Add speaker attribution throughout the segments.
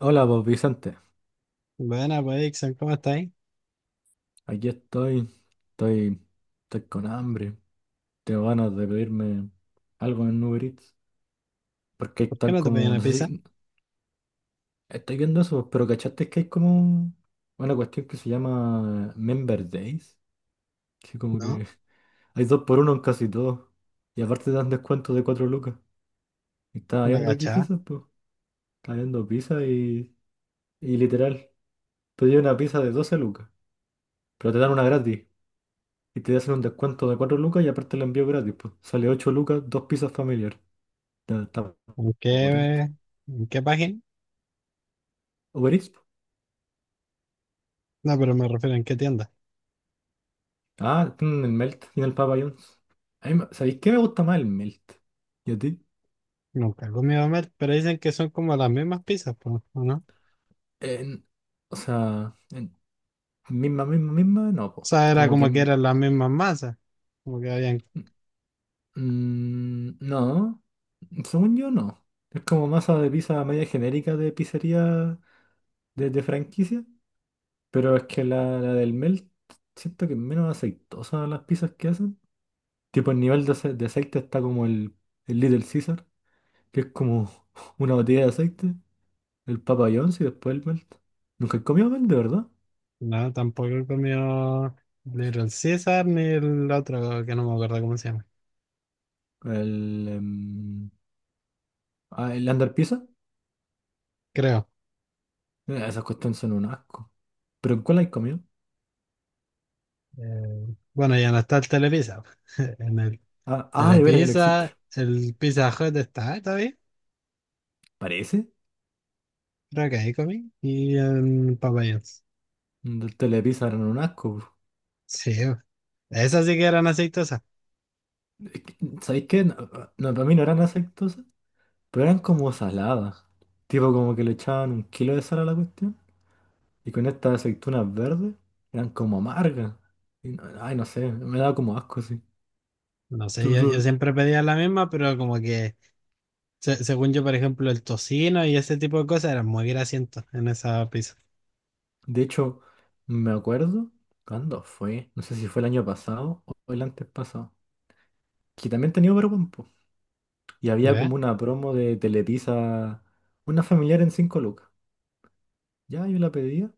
Speaker 1: Hola, vos Vicente.
Speaker 2: Buena, pues, Ixen, ¿cómo estáis?
Speaker 1: Aquí estoy. Estoy, estoy con hambre. Tengo ganas de pedirme algo en Uber Eats. Porque
Speaker 2: ¿Por qué
Speaker 1: están
Speaker 2: no te pedí
Speaker 1: como.
Speaker 2: una
Speaker 1: No sé
Speaker 2: pizza?
Speaker 1: si. Estoy viendo eso, pero ¿cachaste que hay como una cuestión que se llama Member Days? Que como
Speaker 2: ¿No?
Speaker 1: que hay dos por uno en casi todo. Y aparte te dan descuento de 4 lucas. Y estaba
Speaker 2: Una
Speaker 1: viendo aquí
Speaker 2: cachada.
Speaker 1: pizzas, pues. Estaba viendo pizza y literal. Pedí una pizza de 12 lucas. Pero te dan una gratis. Y te hacen un descuento de 4 lucas y aparte el envío gratis, pues. Sale 8 lucas, dos pizzas familiares. Está
Speaker 2: ¿En
Speaker 1: potente.
Speaker 2: qué, en qué página?
Speaker 1: Uber Eats, po.
Speaker 2: No, pero me refiero en qué tienda.
Speaker 1: Ah, tienen el Melt y el Papa John's. A ¿Sabéis qué me gusta más el Melt? ¿Y a ti?
Speaker 2: Nunca he comido Mer, pero dicen que son como las mismas pizzas, pues, ¿o no? O
Speaker 1: En- o sea, misma, misma, misma, no, pues.
Speaker 2: sea, era
Speaker 1: Como
Speaker 2: como que
Speaker 1: que...
Speaker 2: eran las mismas masas. Como que habían.
Speaker 1: Mm, no, según yo no. Es como masa de pizza media genérica de pizzería de franquicia. Pero es que la del Melt, siento que es menos aceitosa las pizzas que hacen. Tipo, el nivel de aceite está como el Little Caesar, que es como una botella de aceite, el Papa John's y después el Melt. Nunca he comido Melt, de verdad.
Speaker 2: No, tampoco he comido Little Caesar ni el otro que no me acuerdo cómo se llama.
Speaker 1: El, em, el Under Pizza.
Speaker 2: Creo.
Speaker 1: Esas cuestiones son un asco. ¿Pero en cuál hay comido?
Speaker 2: Bueno, ya no está el Telepizza. En el
Speaker 1: Ah, de veras ya no existe.
Speaker 2: Telepizza, el Pizza Hut está, ¿está bien?
Speaker 1: Parece.
Speaker 2: Creo que ahí comí. Y en Popeyes.
Speaker 1: Del Telepizza eran un asco, bro.
Speaker 2: Sí, esas sí que eran aceitosas.
Speaker 1: Es que, ¿sabéis qué? No, no, no, para mí no eran aceitosas, pero eran como saladas. Tipo, como que le echaban un kilo de sal a la cuestión. Y con estas aceitunas verdes eran como amargas. Y ay, no sé, me daba como asco sí
Speaker 2: No sé, yo
Speaker 1: Tutul.
Speaker 2: siempre pedía la misma, pero como que, según yo, por ejemplo, el tocino y ese tipo de cosas eran muy grasientos en esa pizza.
Speaker 1: De hecho, me acuerdo cuándo fue, no sé si fue el año pasado o el antes pasado, que también tenía Uberwin, po. Y había
Speaker 2: ¿Ya?
Speaker 1: como una promo de Telepizza, una familiar en 5 lucas. Ya yo la pedía.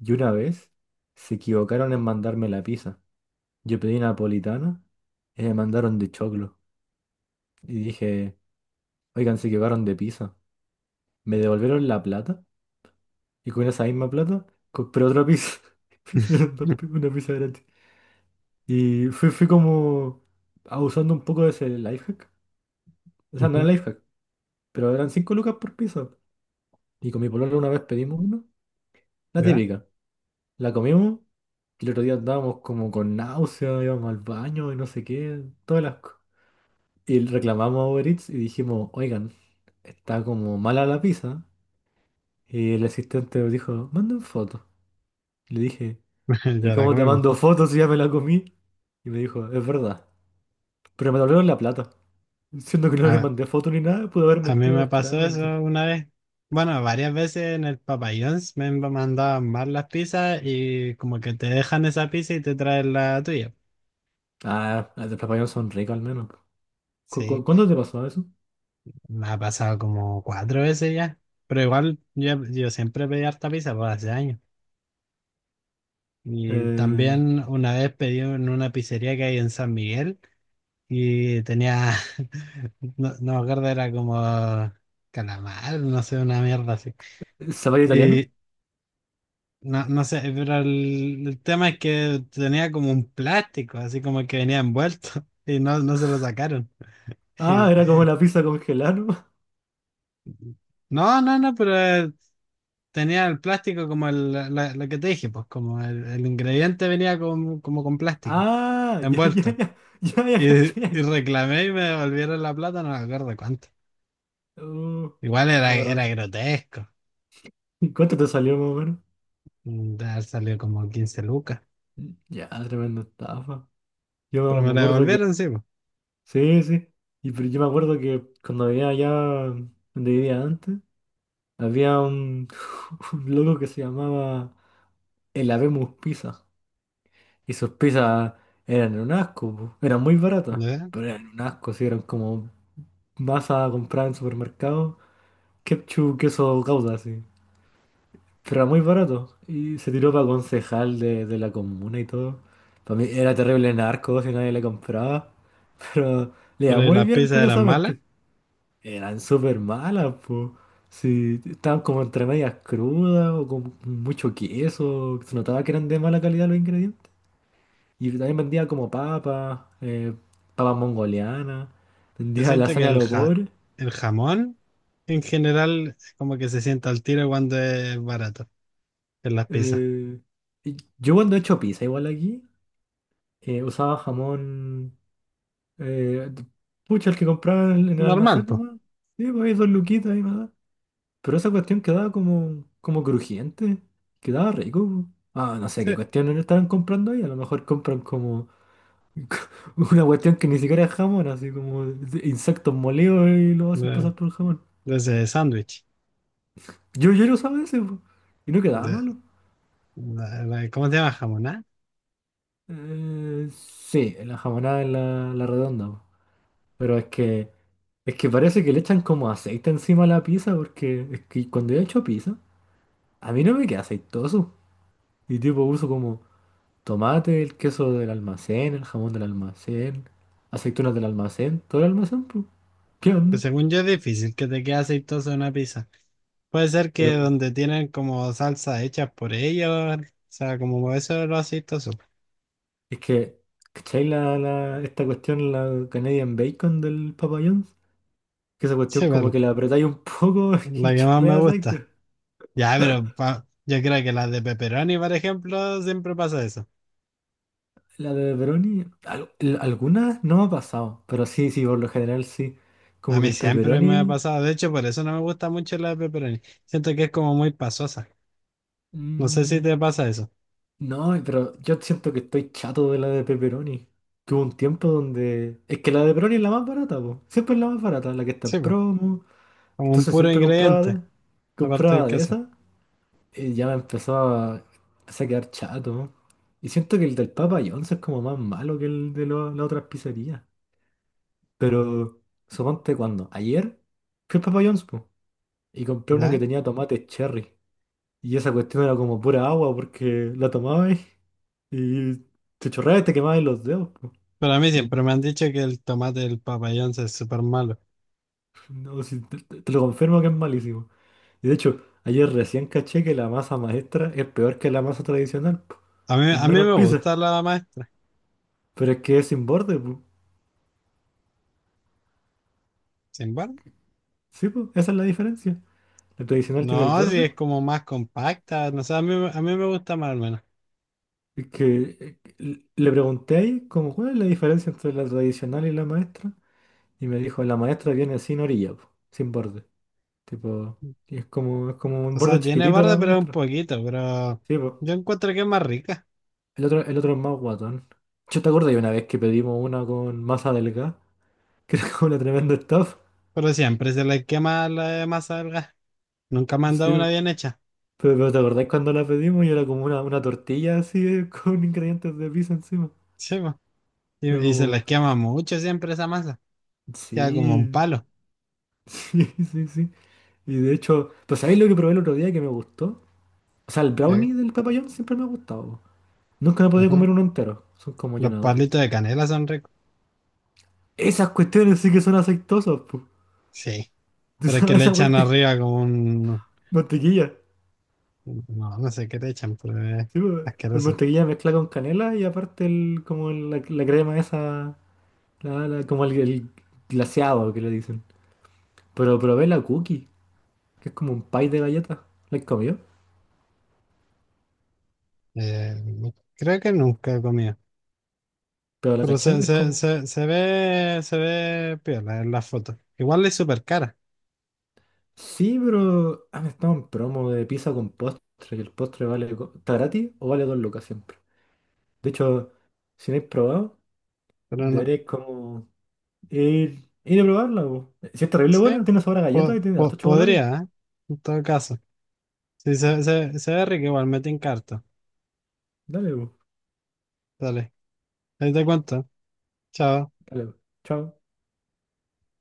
Speaker 1: Y una vez se equivocaron en mandarme la pizza. Yo pedí napolitana y me mandaron de choclo. Y dije, oigan, se equivocaron de pizza. Me devolvieron la plata. Y con esa misma plata compré otra pizza. Me Una pizza gratis. Y fui como abusando un poco de ese lifehack, hack. O sea, no
Speaker 2: Ujú.
Speaker 1: era life, pero eran 5 lucas por pizza. Y con mi polola una vez pedimos una, la
Speaker 2: ¿Ya?
Speaker 1: típica. La comimos y el otro día andábamos como con náusea, íbamos al baño y no sé qué, todo el asco. Y reclamamos a Uber Eats y dijimos, oigan, está como mala la pizza. Y el asistente dijo, manden fotos. Y le dije, ¿y
Speaker 2: Ya la
Speaker 1: cómo te
Speaker 2: comimos.
Speaker 1: mando fotos si ya me la comí? Y me dijo, es verdad, pero me devolvieron la plata. Siendo que no le
Speaker 2: A,
Speaker 1: mandé fotos ni nada, pude haber
Speaker 2: a mí
Speaker 1: mentido
Speaker 2: me pasó
Speaker 1: descaradamente.
Speaker 2: eso una vez. Bueno, varias veces en el Papayons me mandaban mal las pizzas y como que te dejan esa pizza y te traen la tuya.
Speaker 1: Ah, las del Papayón son ricas al menos. ¿Cu cu-
Speaker 2: Sí.
Speaker 1: cuándo te pasó eso?
Speaker 2: Me ha pasado como 4 veces ya. Pero igual yo siempre pedí harta pizza por hace años. Y
Speaker 1: Eh,
Speaker 2: también una vez pedí en una pizzería que hay en San Miguel y tenía, no, no me acuerdo, era como calamar, no sé, una mierda así.
Speaker 1: ¿Zapallo italiano?
Speaker 2: Y no, no sé, pero el tema es que tenía como un plástico, así como que venía envuelto y no, no se lo sacaron.
Speaker 1: Ah, era como la pizza congelada, ¿no?
Speaker 2: Y- no, no, no, pero tenía el plástico como el, lo que te dije, pues como el ingrediente venía como con plástico,
Speaker 1: Ah, ya, ya,
Speaker 2: envuelto.
Speaker 1: ya, ya, ya, caché.
Speaker 2: Y reclamé y me devolvieron la plata, no me acuerdo cuánto.
Speaker 1: Uh,
Speaker 2: Igual era,
Speaker 1: no, pero
Speaker 2: era grotesco,
Speaker 1: ¿y cuánto te salió más o menos?
Speaker 2: de haber salido como 15 lucas,
Speaker 1: Ya, tremenda estafa.
Speaker 2: pero
Speaker 1: Yo
Speaker 2: me
Speaker 1: me
Speaker 2: la
Speaker 1: acuerdo que...
Speaker 2: devolvieron, sí, pues.
Speaker 1: Sí, sí. Y pero yo me acuerdo que cuando vivía allá donde vivía antes, había un, un loco que se llamaba el Habemus Pizza. Y sus pizzas eran un asco, po. Eran muy baratas,
Speaker 2: ¿Ya?
Speaker 1: pero eran un asco, sí, eran como masa comprada en supermercado, ketchup, queso gouda, así. Pero era muy barato. Y se tiró para concejal de la comuna y todo. Para mí era terrible narco si nadie le compraba. Pero le
Speaker 2: Pero
Speaker 1: iba muy
Speaker 2: las
Speaker 1: bien,
Speaker 2: pizzas eran malas.
Speaker 1: curiosamente. Eran súper malas, pues. Sí, estaban como entre medias crudas o con mucho queso. Se notaba que eran de mala calidad los ingredientes. Y también vendía como papas mongolianas.
Speaker 2: Yo
Speaker 1: Vendía
Speaker 2: siento que
Speaker 1: lasaña a
Speaker 2: el,
Speaker 1: los pobres.
Speaker 2: el jamón en general como que se sienta al tiro cuando es barato en las pizzas.
Speaker 1: Eh, y yo cuando he hecho pizza igual aquí, usaba jamón... Eh, Pucha, el que compraba en el
Speaker 2: Normal,
Speaker 1: almacén
Speaker 2: pues.
Speaker 1: nomás. Sí, pues ahí dos luquitas ahí me. Pero esa cuestión quedaba como crujiente, quedaba rico, po. Ah, no sé
Speaker 2: Sí,
Speaker 1: qué cuestiones le estarán comprando ahí. A lo mejor compran como una cuestión que ni siquiera es jamón, así como insectos molidos y lo hacen
Speaker 2: de,
Speaker 1: pasar por el jamón.
Speaker 2: desde sándwich.
Speaker 1: Yo lo usaba ese, po, y no quedaba
Speaker 2: De,
Speaker 1: malo.
Speaker 2: ¿cómo se llama? ¿Jamón? ¿Ah?
Speaker 1: Sí, la jamonada es la redonda, po. Pero es que parece que le echan como aceite encima a la pizza, porque es que cuando yo he hecho pizza, a mí no me queda aceitoso. Y tipo uso como. Tomate, el queso del almacén, el jamón del almacén, aceitunas del almacén, todo el almacén, pues, ¿qué
Speaker 2: Que
Speaker 1: onda?
Speaker 2: según yo es difícil que te quede aceitosa una pizza. Puede ser que
Speaker 1: Pero
Speaker 2: donde tienen como salsa hecha por ellos, o sea, como eso es lo aceitoso.
Speaker 1: es que, ¿cachai esta cuestión, la Canadian Bacon del Papa John's? Que esa
Speaker 2: Sí,
Speaker 1: cuestión como
Speaker 2: pero
Speaker 1: que la apretáis un poco
Speaker 2: la
Speaker 1: y
Speaker 2: que más me
Speaker 1: chorrea
Speaker 2: gusta.
Speaker 1: aceite.
Speaker 2: Ya, pero yo creo que las de pepperoni, por ejemplo, siempre pasa eso.
Speaker 1: La de pepperoni, algunas no me ha pasado, pero sí, sí, por lo general sí.
Speaker 2: A
Speaker 1: Como que
Speaker 2: mí
Speaker 1: el
Speaker 2: siempre me ha
Speaker 1: pepperoni.
Speaker 2: pasado. De hecho, por eso no me gusta mucho la de pepperoni. Siento que es como muy pasosa. No sé si
Speaker 1: Mm.
Speaker 2: te pasa eso.
Speaker 1: No, pero yo siento que estoy chato de la de pepperoni. Tuve un tiempo donde... Es que la de pepperoni es la más barata, po. Siempre es la más barata, la que está en
Speaker 2: Sí, pues,
Speaker 1: promo.
Speaker 2: como un
Speaker 1: Entonces
Speaker 2: puro
Speaker 1: siempre compraba
Speaker 2: ingrediente,
Speaker 1: de,
Speaker 2: aparte del
Speaker 1: compraba de
Speaker 2: queso.
Speaker 1: esa. Y ya me empezó a, empecé a quedar chato. Y siento que el del Papa John's es como más malo que el de las otras pizzerías. Pero suponte cuando. Ayer fui al Papa John's, po, y compré una que
Speaker 2: ¿Ya?
Speaker 1: tenía tomate cherry. Y esa cuestión era como pura agua porque la tomabas y te chorreabas y te quemabas los dedos, po.
Speaker 2: Pero a mí
Speaker 1: Y
Speaker 2: siempre me han dicho que el tomate del papayón es súper malo.
Speaker 1: no, si te lo confirmo que es malísimo. Y de hecho, ayer recién caché que la masa maestra es peor que la masa tradicional, po.
Speaker 2: A mí,
Speaker 1: Es
Speaker 2: a mí
Speaker 1: menos
Speaker 2: me
Speaker 1: pizza.
Speaker 2: gusta la maestra,
Speaker 1: Pero es que es sin borde, po.
Speaker 2: sin embargo.
Speaker 1: Sí, po, esa es la diferencia. La tradicional tiene el
Speaker 2: No, si
Speaker 1: borde.
Speaker 2: es como más compacta, no sé, a mí me gusta más al menos.
Speaker 1: Es que le pregunté ahí como cuál es la diferencia entre la tradicional y la maestra. Y me dijo, la maestra viene sin orilla, po, sin borde. Tipo, y es como, un
Speaker 2: O
Speaker 1: borde
Speaker 2: sea, tiene
Speaker 1: chiquitito
Speaker 2: barda,
Speaker 1: la
Speaker 2: pero es un
Speaker 1: maestra.
Speaker 2: poquito, pero
Speaker 1: Sí, pues.
Speaker 2: yo encuentro que es más rica.
Speaker 1: El otro es más guatón. Yo te acuerdo de una vez que pedimos una con masa delgada, que era como una tremenda estafa.
Speaker 2: Pero siempre se les quema la masa del gas. Nunca me han
Speaker 1: Sí,
Speaker 2: dado una
Speaker 1: po,
Speaker 2: bien hecha.
Speaker 1: pero ¿te acordás cuando la pedimos y era como una tortilla así con ingredientes de pizza encima?
Speaker 2: Sí, po.
Speaker 1: Era
Speaker 2: Y se
Speaker 1: como,
Speaker 2: les quema mucho siempre esa masa. Queda como un
Speaker 1: sí,
Speaker 2: palo.
Speaker 1: sí, sí, sí. Y de hecho, pues, ¿sabéis lo que probé el otro día que me gustó? O sea, el
Speaker 2: ¿Sí?
Speaker 1: brownie del papayón siempre me ha gustado, po. Nunca me he podido
Speaker 2: Ujú.
Speaker 1: comer uno entero. Son como
Speaker 2: Los
Speaker 1: llenadores.
Speaker 2: palitos de canela son ricos.
Speaker 1: Esas cuestiones sí que son aceitosas, pues.
Speaker 2: Sí,
Speaker 1: ¿Tú
Speaker 2: pero es que
Speaker 1: sabes
Speaker 2: le
Speaker 1: esa
Speaker 2: echan
Speaker 1: vuelta?
Speaker 2: arriba como un...
Speaker 1: Mantequilla.
Speaker 2: No, no sé qué le echan, pero es
Speaker 1: Sí, pues, es
Speaker 2: asqueroso.
Speaker 1: mantequilla mezclada con canela y aparte el, como la crema esa, como el glaseado que le dicen. Pero probé la cookie, que es como un pie de galleta. ¿La he comido?
Speaker 2: Eh, Creo que nunca he comido,
Speaker 1: Pero la
Speaker 2: pero
Speaker 1: cachai es como...
Speaker 2: se ve piola en las fotos. Igual es súper cara,
Speaker 1: Sí, pero han estado en promo de pizza con postre y el postre vale... ¿Está gratis o vale 2 lucas siempre? De hecho, si no habéis probado,
Speaker 2: pero no.
Speaker 1: deberéis como ir a probarla, po. Si es terrible
Speaker 2: Sí,
Speaker 1: buena, tiene sabor a galleta y tiene harto chocolate.
Speaker 2: podría, ¿eh? En todo caso. Sí, se ve rico igual, me en carta.
Speaker 1: Dale, bu,
Speaker 2: Dale, ahí te cuento. Chao.
Speaker 1: dale, bu. Chao.